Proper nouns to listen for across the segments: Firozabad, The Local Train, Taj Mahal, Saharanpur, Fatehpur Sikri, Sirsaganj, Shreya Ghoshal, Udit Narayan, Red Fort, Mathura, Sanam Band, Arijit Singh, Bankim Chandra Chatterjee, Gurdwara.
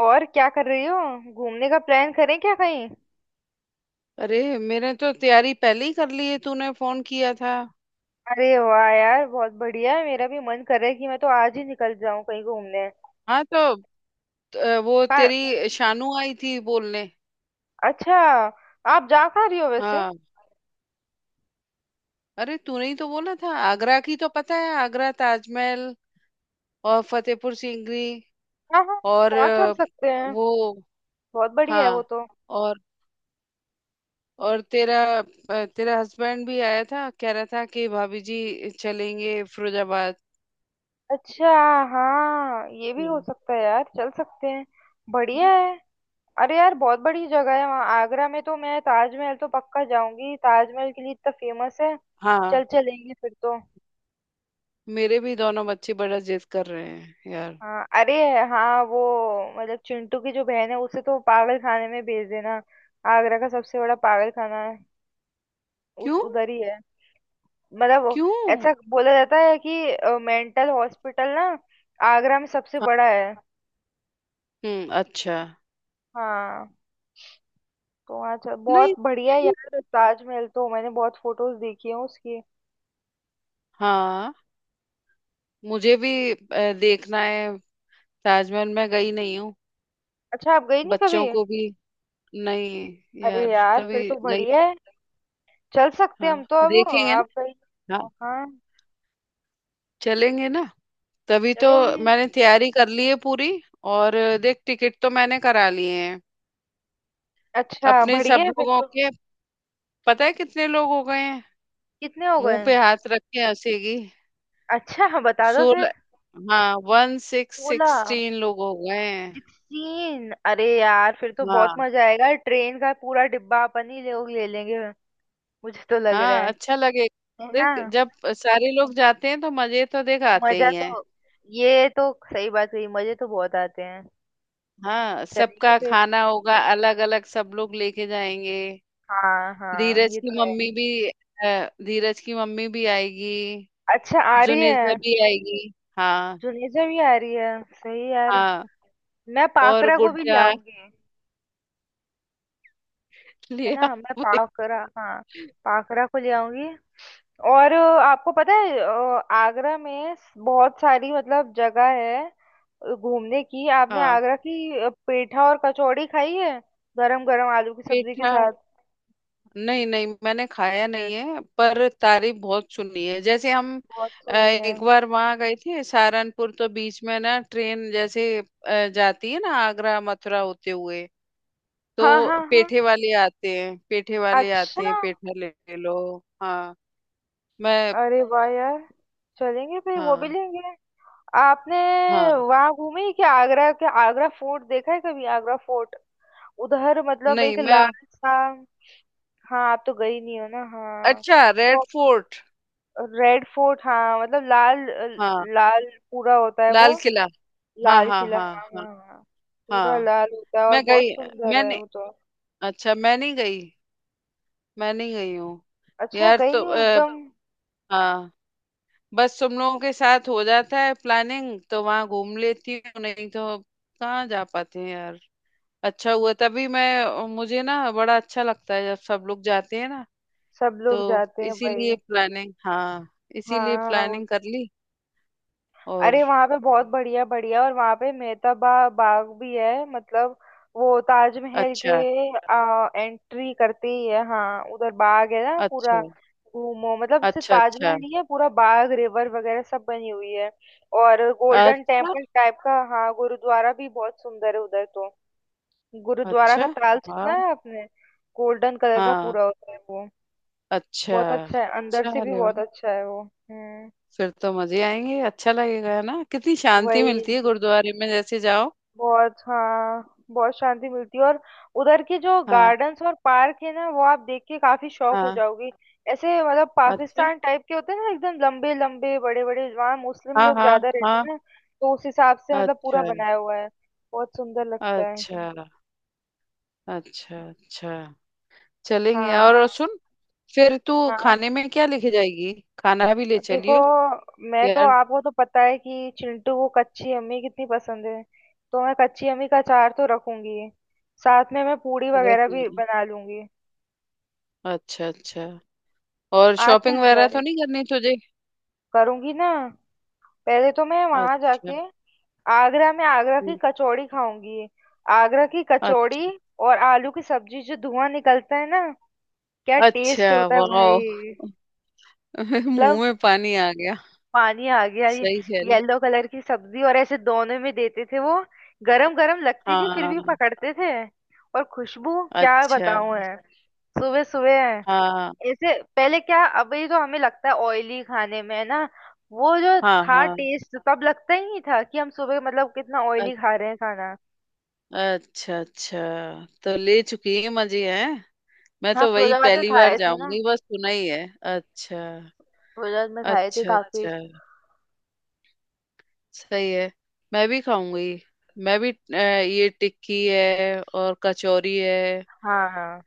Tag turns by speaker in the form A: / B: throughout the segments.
A: और क्या कर रही हो। घूमने का प्लान करें क्या कहीं।
B: अरे मैंने तो तैयारी पहले ही कर ली है। तूने फोन किया था।
A: अरे वाह यार बहुत बढ़िया है। मेरा भी मन कर रहा है कि मैं तो आज ही निकल जाऊं कहीं घूमने।
B: हाँ तो वो,
A: कहाँ-
B: तेरी शानू आई थी बोलने।
A: अच्छा। आप जा कहाँ रही हो वैसे।
B: हाँ। अरे तूने ही तो बोला था, आगरा की तो पता है, आगरा ताजमहल और फतेहपुर सीकरी।
A: हाँ हाँ
B: और
A: वहाँ चल सकते हैं।
B: वो,
A: बहुत बढ़िया है वो
B: हाँ।
A: तो।
B: और और तेरा तेरा हस्बैंड भी आया था, कह रहा था कि भाभी जी चलेंगे फिरोजाबाद।
A: अच्छा हाँ ये भी हो
B: हम्म।
A: सकता है यार चल सकते हैं। बढ़िया है। अरे यार बहुत बड़ी जगह है वहाँ। आगरा में तो मैं ताजमहल तो पक्का जाऊंगी। ताजमहल के लिए इतना फेमस है।
B: हाँ,
A: चल चलेंगे फिर तो।
B: मेरे भी दोनों बच्चे बड़ा जिद कर रहे हैं यार।
A: हाँ अरे हाँ वो मतलब चिंटू की जो बहन है उसे तो पागल खाने में भेज देना। आगरा का सबसे बड़ा पागल खाना है। उस
B: क्यों?
A: उधर ही है। मतलब वो-
B: क्यों?
A: ऐसा बोला जाता है कि मेंटल हॉस्पिटल ना आगरा में सबसे बड़ा है।
B: हम्म, अच्छा।
A: हाँ तो वहाँ चल।
B: नहीं।
A: बहुत बढ़िया है यार। ताजमहल तो मैंने बहुत फोटोज देखी है उसकी।
B: हाँ, मुझे भी देखना है। ताजमहल मैं गई नहीं हूँ।
A: अच्छा आप गई नहीं कभी।
B: बच्चों को भी। नहीं
A: अरे
B: यार,
A: यार फिर
B: कभी
A: तो
B: गई।
A: बढ़िया है। चल सकते
B: हाँ।
A: हैं हम तो। अब
B: देखेंगे
A: आप गई
B: ना। हाँ।
A: हो, हाँ।
B: चलेंगे ना। तभी तो।
A: चलेंगे।
B: मैंने तैयारी कर ली है पूरी। और देख, टिकट तो मैंने करा लिए हैं,
A: अच्छा
B: अपने
A: बढ़िया
B: सब
A: है फिर
B: लोगों
A: तो।
B: के। पता है कितने लोग हो गए हैं?
A: कितने हो
B: मुंह
A: गए।
B: पे हाथ रख के हंसेगी।
A: अच्छा हाँ बता दो
B: 16।
A: फिर।
B: हाँ, वन सिक्स
A: 16
B: 16 लोग हो गए हैं।
A: सीन अरे यार फिर तो
B: हाँ।
A: बहुत मजा आएगा। ट्रेन का पूरा डिब्बा अपन ही लोग ले लेंगे। मुझे तो लग रहा
B: हाँ,
A: है।
B: अच्छा
A: है
B: लगेगा।
A: ना।
B: देख, जब सारे लोग जाते हैं तो मजे तो देख आते
A: मजा
B: ही हैं।
A: तो ये तो सही बात कही। मजे तो बहुत आते हैं।
B: हाँ,
A: चलेंगे
B: सबका
A: फिर।
B: खाना होगा अलग अलग, सब लोग लेके जाएंगे।
A: हाँ हाँ ये तो है।
B: धीरज की मम्मी भी आएगी।
A: अच्छा आ रही
B: जुनेजा
A: है।
B: भी आएगी। हाँ।
A: जुनेजा भी आ रही है। सही यार।
B: हाँ,
A: मैं
B: और
A: पाकरा को भी ले
B: गुड्डा
A: आऊंगी। है
B: लिया।
A: ना मैं पावकरा हाँ। पावकरा को ले आऊंगी। और आपको पता है आगरा में बहुत सारी मतलब जगह है घूमने की। आपने
B: हाँ।
A: आगरा की पेठा और कचौड़ी खाई है? गरम गरम आलू की सब्जी के
B: पेठा।
A: साथ।
B: नहीं नहीं, मैंने खाया नहीं है, पर तारीफ बहुत सुनी है। जैसे हम
A: बहुत सुनी है।
B: एक बार वहां गए थे सहारनपुर, तो बीच में ना ट्रेन जैसे जाती है ना आगरा मथुरा होते हुए,
A: हाँ
B: तो
A: हाँ हाँ।
B: पेठे वाले आते हैं, पेठे वाले
A: अच्छा
B: आते हैं, पेठा ले लो। हाँ। मैं।
A: अरे वाह यार। चलेंगे फिर वो भी
B: हाँ।
A: लेंगे। आपने
B: हाँ।
A: वहां घूमी क्या? आगरा के आगरा फोर्ट देखा है कभी? आगरा फोर्ट उधर मतलब
B: नहीं।
A: एक
B: मैं।
A: लाल सा। हाँ आप तो गई नहीं हो ना। हाँ
B: अच्छा, रेड
A: तो
B: फोर्ट।
A: रेड फोर्ट हाँ मतलब लाल।
B: हाँ।
A: लाल पूरा होता है
B: लाल
A: वो।
B: किला। हाँ
A: लाल
B: हाँ
A: किला
B: हाँ।
A: हाँ
B: हाँ।
A: हाँ हाँ। पूरा
B: हाँ।
A: लाल होता है और
B: मैं गई।
A: बहुत सुंदर है
B: मैंने।
A: वो तो।
B: अच्छा, मैं नहीं गई। मैं नहीं गई हूँ।
A: अच्छा
B: यार
A: गई
B: तो।
A: नहीं हो एकदम।
B: हाँ। बस तुम लोगों के साथ हो जाता है प्लानिंग, तो वहां घूम लेती हूँ, नहीं तो कहाँ जा पाते हैं यार। अच्छा हुआ, तभी मैं मुझे ना बड़ा अच्छा लगता है जब सब लोग जाते हैं ना।
A: सब लोग
B: तो
A: जाते हैं भाई।
B: इसीलिए प्लानिंग हाँ इसीलिए
A: हाँ
B: प्लानिंग कर ली। और।
A: अरे वहां पे बहुत बढ़िया बढ़िया और वहां पे मेहताबा बाग भी है मतलब वो ताजमहल के
B: अच्छा,
A: एंट्री करते ही है। हाँ उधर बाग है ना पूरा।
B: अच्छा,
A: घूमो मतलब सिर्फ
B: अच्छा, अच्छा,
A: ताजमहल नहीं है पूरा बाग रिवर वगैरह सब बनी हुई है। और गोल्डन
B: अच्छा,
A: टेम्पल टाइप का हाँ गुरुद्वारा भी बहुत सुंदर है उधर तो। गुरुद्वारा
B: अच्छा।
A: का ताल सुना
B: हाँ
A: है आपने? गोल्डन कलर का
B: हाँ।
A: पूरा होता है वो।
B: अच्छा
A: बहुत अच्छा है। अंदर
B: अच्छा।
A: से भी
B: अरे वाह,
A: बहुत अच्छा है वो।
B: फिर तो मजे आएंगे, अच्छा लगेगा। है ना, कितनी शांति
A: वही
B: मिलती है गुरुद्वारे में जैसे जाओ।
A: बहुत। हाँ बहुत शांति मिलती है। और उधर के जो
B: हाँ
A: गार्डन्स और पार्क है ना वो आप देख के काफी शौक हो
B: हाँ।
A: जाओगी। ऐसे मतलब
B: अच्छा।
A: पाकिस्तान टाइप के होते हैं ना एकदम लंबे लंबे बड़े बड़े। वहाँ मुस्लिम
B: हाँ
A: लोग
B: हाँ
A: ज्यादा रहते
B: हाँ।
A: हैं ना। तो उस हिसाब से मतलब
B: अच्छा,
A: पूरा बनाया हुआ है। बहुत सुंदर लगता है।
B: अच्छा, अच्छा, अच्छा। चलेंगे। और
A: हाँ
B: सुन, फिर तू
A: हाँ।
B: खाने में क्या लेके जाएगी? खाना भी ले
A: देखो
B: चलियो
A: मैं तो
B: यार।
A: आपको तो पता है कि चिंटू को कच्ची अम्मी कितनी पसंद है। तो मैं कच्ची अम्मी का अचार तो रखूंगी। साथ में मैं पूड़ी
B: रख
A: वगैरह भी
B: लेंगे।
A: बना लूंगी।
B: अच्छा अच्छा। और
A: आप क्या
B: शॉपिंग
A: जा
B: वगैरह तो
A: रहे
B: नहीं
A: हैं?
B: करनी तुझे?
A: करूंगी ना। पहले तो मैं वहां
B: अच्छा।
A: जाके आगरा में आगरा की
B: हम्म।
A: कचौड़ी खाऊंगी। आगरा की कचौड़ी
B: अच्छा
A: और आलू की सब्जी जो धुआं निकलता है ना क्या
B: अच्छा।
A: टेस्ट होता है
B: वाह।
A: भाई।
B: मुंह
A: मतलब
B: में पानी आ गया।
A: पानी आ गया ये।
B: सही चल।
A: येलो कलर की सब्जी और ऐसे दोनों में देते थे वो। गरम गरम लगती थी फिर भी
B: हाँ।
A: पकड़ते थे। और खुशबू क्या
B: अच्छा।
A: बताऊं है। सुबह सुबह
B: हाँ
A: ऐसे पहले क्या अभी तो हमें लगता है ऑयली खाने में है ना। वो जो
B: हाँ।
A: था
B: हाँ
A: टेस्ट तब लगता ही नहीं था कि हम सुबह मतलब कितना
B: अ-
A: ऑयली खा रहे हैं खाना।
B: अच्छा अच्छा। तो ले चुकी है मजे हैं। मैं
A: हाँ
B: तो वही
A: फिरोजाबाद में
B: पहली बार
A: खाए थे ना।
B: जाऊंगी, बस सुना ही है। अच्छा।
A: फिरोजाबाद में खाए थे
B: अच्छा
A: काफी।
B: अच्छा। सही है। मैं भी खाऊंगी। मैं भी ये टिक्की है और कचौरी है।
A: हाँ हाँ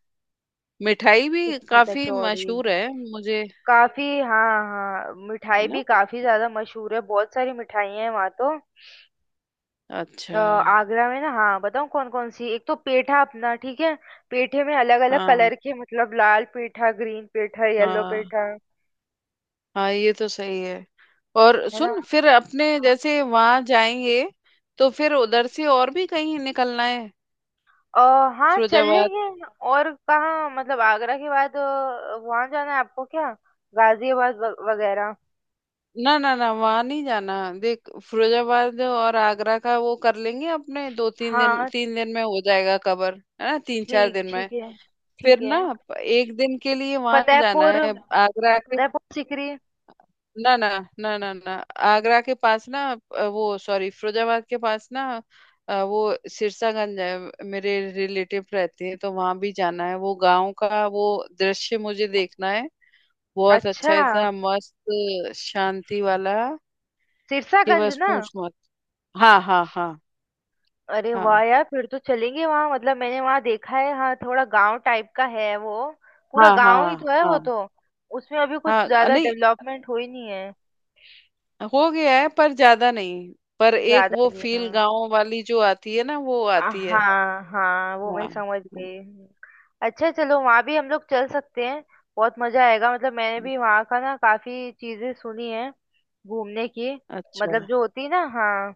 B: मिठाई भी
A: टिक्की
B: काफी
A: कचौड़ी।
B: मशहूर है। मुझे।
A: काफी हाँ हाँ मिठाई
B: ना।
A: भी काफी ज्यादा मशहूर है। बहुत सारी मिठाइयाँ हैं वहाँ तो।
B: अच्छा।
A: आगरा में ना हाँ बताऊँ कौन कौन सी एक तो पेठा अपना ठीक है। पेठे में अलग अलग
B: हाँ।
A: कलर के मतलब लाल पेठा ग्रीन पेठा येलो
B: हाँ।
A: पेठा।
B: हाँ, ये तो सही है। और
A: है ना
B: सुन, फिर अपने जैसे वहां जाएंगे, तो फिर उधर से और भी कहीं निकलना है।
A: अ, हाँ चल
B: फिरोजाबाद।
A: लेंगे। और कहाँ मतलब आगरा के बाद वहाँ जाना है आपको क्या? वगैरह।
B: ना ना ना, वहां नहीं जाना। देख, फिरोजाबाद और आगरा का वो कर लेंगे अपने, दो तीन दिन,
A: हाँ
B: 3 दिन में हो जाएगा कवर। है ना, तीन चार
A: ठीक
B: दिन में।
A: ठीक है
B: फिर
A: ठीक है।
B: ना एक दिन के लिए वहां जाना
A: फतेहपुर
B: है। आगरा के।
A: फतेहपुर सीकरी।
B: ना ना ना ना ना। आगरा के पास ना। वो सॉरी, फिरोजाबाद के पास ना। वो, सिरसागंज है। मेरे रिलेटिव रहते हैं, तो वहां भी जाना है। वो गांव का वो दृश्य मुझे देखना है। बहुत अच्छा,
A: अच्छा
B: इतना मस्त, शांति वाला कि
A: सिरसागंज
B: बस
A: ना।
B: पूछ मत। हाँ हाँ हाँ।
A: अरे वाह
B: हाँ
A: यार फिर तो चलेंगे वहाँ। मतलब मैंने वहाँ देखा है हाँ थोड़ा गांव टाइप का है वो। पूरा
B: हाँ हाँ।
A: गांव ही तो है वो
B: हाँ
A: तो। उसमें अभी
B: हाँ।
A: कुछ ज्यादा
B: नहीं,
A: डेवलपमेंट हुई नहीं है।
B: हो गया है पर ज्यादा नहीं। पर एक
A: ज्यादा
B: वो
A: नहीं।
B: फील गांव वाली जो आती है ना, वो आती है।
A: हाँ हाँ वो मैं
B: हाँ।
A: समझ
B: हम्म।
A: गई हूँ। अच्छा चलो वहाँ भी हम लोग चल सकते हैं। बहुत मजा आएगा। मतलब मैंने
B: हम्म,
A: भी वहाँ का ना काफी चीजें सुनी है घूमने की। मतलब
B: अच्छा
A: जो होती है ना हाँ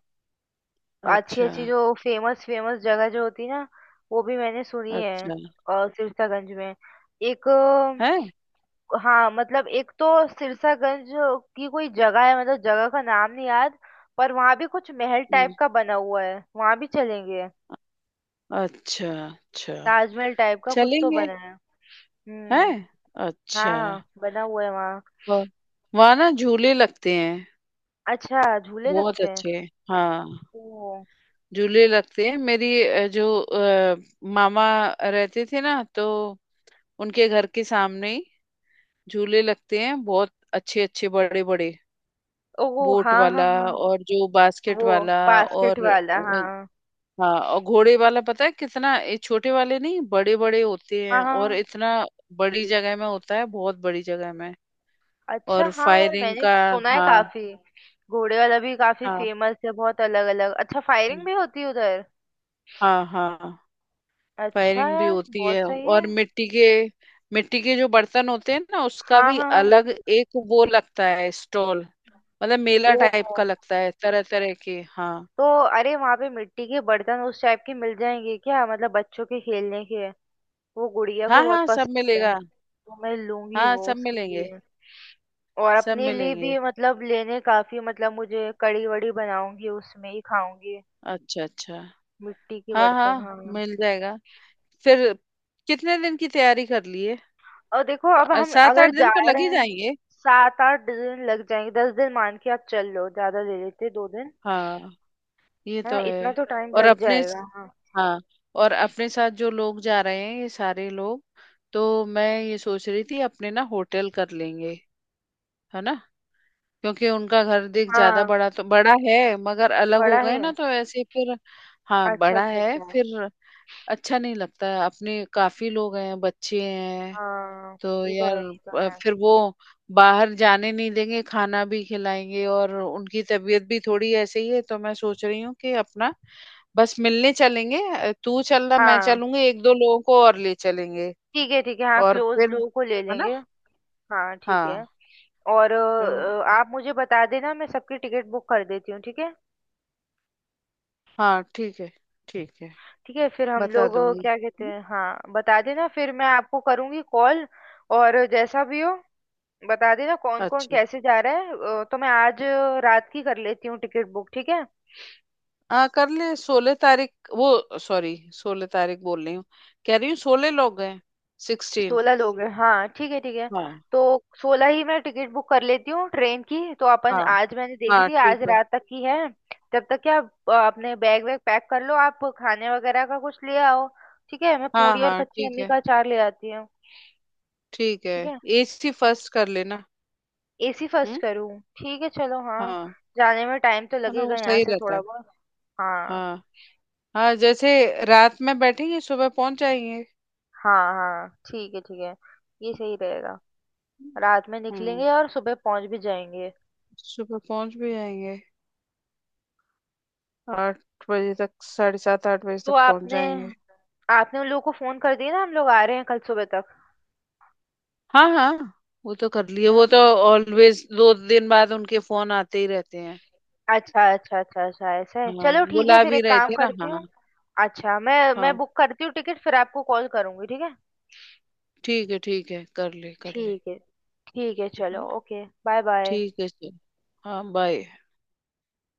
A: अच्छी
B: अच्छा।
A: अच्छी जो फेमस फेमस जगह जो होती है ना वो भी मैंने सुनी है।
B: अच्छा,
A: और सिरसागंज में एक
B: है।
A: हाँ मतलब एक तो सिरसागंज की कोई जगह है मतलब जगह का नाम नहीं याद पर वहाँ भी कुछ महल
B: हम्म।
A: टाइप का बना हुआ है वहाँ भी चलेंगे।
B: अच्छा अच्छा।
A: ताजमहल टाइप का कुछ तो
B: चलेंगे।
A: बना है। हम्म
B: हैं। अच्छा।
A: हाँ बना हुआ है वहाँ।
B: वह- वहाँ ना झूले लगते हैं।
A: अच्छा झूले
B: बहुत
A: लगते हैं।
B: अच्छे। हाँ।
A: ओ
B: झूले लगते हैं, मेरी जो मामा रहते थे ना, तो उनके घर के सामने ही झूले लगते हैं, बहुत अच्छे अच्छे बड़े बड़े।
A: ओ
B: बोट
A: हाँ
B: वाला,
A: हाँ हाँ।
B: और जो बास्केट
A: वो
B: वाला,
A: बास्केट
B: और
A: वाला हाँ हाँ
B: हाँ, और घोड़े वाला। पता है कितना, ये छोटे वाले नहीं बड़े बड़े होते हैं,
A: हाँ
B: और
A: हाँ।
B: इतना बड़ी जगह में होता है, बहुत बड़ी जगह में।
A: अच्छा
B: और
A: हाँ यार
B: फायरिंग
A: मैंने
B: का।
A: सुना है
B: हाँ
A: काफी। घोड़े वाला भी काफी
B: हाँ।
A: फेमस है। बहुत अलग अलग। अच्छा फायरिंग
B: हम्म।
A: भी होती है उधर।
B: हाँ हाँ।
A: अच्छा
B: फायरिंग भी
A: यार
B: होती है,
A: बहुत सही है।
B: और मिट्टी के जो बर्तन होते हैं ना, उसका
A: हाँ
B: भी
A: हाँ हाँ।
B: अलग एक वो लगता है स्टॉल। मतलब मेला
A: ओ
B: टाइप का लगता है, तरह तरह के। हाँ।
A: तो अरे वहां पे मिट्टी के बर्तन उस टाइप के मिल जाएंगे क्या मतलब बच्चों के खेलने के? वो गुड़िया
B: हाँ
A: को बहुत
B: हाँ, सब
A: पसंद है
B: मिलेगा।
A: तो मैं लूंगी
B: हाँ,
A: वो
B: सब
A: उसके
B: मिलेंगे।
A: लिए। और
B: सब
A: अपने लिए
B: मिलेंगे।
A: भी मतलब लेने काफी मतलब मुझे कड़ी वड़ी बनाऊंगी उसमें ही खाऊंगी।
B: अच्छा अच्छा।
A: मिट्टी के
B: हाँ
A: बर्तन
B: हाँ,
A: हाँ।
B: मिल जाएगा। फिर। कितने दिन की तैयारी कर लिए?
A: और देखो अब हम
B: सात आठ
A: अगर
B: दिन
A: जा
B: तो लग
A: रहे
B: ही
A: हैं
B: जाएंगे।
A: 7-8 दिन लग जाएंगे। 10 दिन मान के आप चल लो ज्यादा ले लेते 2 दिन।
B: हाँ, ये
A: है
B: तो
A: ना इतना
B: है।
A: तो टाइम
B: और
A: लग
B: अपने।
A: जाएगा हाँ।
B: हाँ, और अपने साथ जो लोग जा रहे हैं, ये सारे लोग, तो मैं ये सोच रही थी अपने ना होटल कर लेंगे। है ना। क्योंकि उनका घर देख ज्यादा,
A: हाँ
B: बड़ा तो बड़ा है मगर अलग हो
A: बड़ा
B: गए
A: है।
B: ना, तो ऐसे फिर। हाँ,
A: अच्छा
B: बड़ा
A: अच्छा
B: है
A: अच्छा।
B: फिर। अच्छा नहीं लगता है, अपने काफी लोग हैं, बच्चे हैं।
A: हाँ
B: तो
A: ये तो
B: यार,
A: है ये तो है।
B: फिर वो बाहर जाने नहीं देंगे, खाना भी खिलाएंगे, और उनकी तबीयत भी थोड़ी ऐसे ही है, तो मैं सोच रही हूँ कि अपना बस मिलने चलेंगे। तू चल रहा, मैं
A: हाँ
B: चलूंगी एक दो लोगों को और ले चलेंगे,
A: ठीक है हाँ
B: और
A: क्लोज
B: फिर।
A: लो को ले
B: है ना।
A: लेंगे। हाँ ठीक है।
B: हाँ
A: और
B: तो।
A: आप मुझे बता देना मैं सबकी टिकट बुक कर देती हूँ ठीक है।
B: हाँ ठीक है, ठीक है,
A: ठीक है फिर हम
B: बता
A: लोग
B: दूंगी।
A: क्या
B: है
A: कहते
B: ना?
A: हैं हाँ बता देना फिर मैं आपको करूँगी कॉल। और जैसा भी हो बता देना कौन कौन
B: अच्छा।
A: कैसे जा रहा है। तो मैं आज रात की कर लेती हूँ टिकट बुक ठीक है।
B: हाँ कर ले, 16 तारीख, वो सॉरी, 16 तारीख बोल रही हूँ। कह रही हूँ 16 लोग हैं। 16।
A: 16 लोग हैं हाँ ठीक है ठीक है।
B: हाँ।
A: तो 16 ही मैं टिकट बुक कर लेती हूँ ट्रेन की। तो अपन
B: हाँ।
A: आज मैंने देखी
B: हाँ
A: थी
B: ठीक
A: आज
B: है।
A: रात तक की है। जब तक क्या आप अपने बैग वैग पैक कर लो आप खाने वगैरह का कुछ ले आओ ठीक है। मैं
B: हाँ
A: पूड़ी और
B: हाँ
A: कच्ची
B: ठीक
A: अम्मी
B: है।
A: का अचार ले आती हूँ।
B: ठीक है।
A: ठीक है
B: एसी फर्स्ट कर लेना।
A: एसी फर्स्ट
B: हम्म।
A: करूँ ठीक है चलो हाँ।
B: हाँ।
A: जाने में टाइम तो
B: है ना, वो
A: लगेगा यहाँ
B: सही
A: से
B: रहता है।
A: थोड़ा बहुत। हाँ
B: हाँ। हाँ जैसे, रात में बैठेंगे सुबह पहुंच जाएंगे।
A: हाँ हाँ ठीक है ठीक है। ये सही रहेगा। रात में
B: हम्म।
A: निकलेंगे और सुबह पहुंच भी जाएंगे।
B: सुबह पहुंच भी जाएंगे। 8 बजे तक, साढ़े सात आठ बजे
A: तो
B: तक पहुंच
A: आपने
B: जाएंगे।
A: आपने उन लोगों को फोन कर दिया ना हम लोग आ रहे हैं कल सुबह तक
B: हाँ हाँ। वो तो कर लिए,
A: है
B: वो तो
A: ना।
B: ऑलवेज 2 दिन बाद उनके फोन आते ही रहते हैं।
A: अच्छा अच्छा अच्छा अच्छा ऐसा है
B: हाँ,
A: चलो ठीक है
B: बुला
A: फिर
B: भी
A: एक
B: रहे
A: काम
B: थे ना।
A: करती
B: हाँ।
A: हूँ। अच्छा मैं
B: हाँ
A: बुक करती हूँ टिकट फिर आपको कॉल करूंगी ठीक है।
B: ठीक है, ठीक है, कर ले कर ले।
A: ठीक है ठीक है
B: है
A: चलो
B: ना।
A: Okay bye bye.
B: ठीक है चल। हाँ बाय।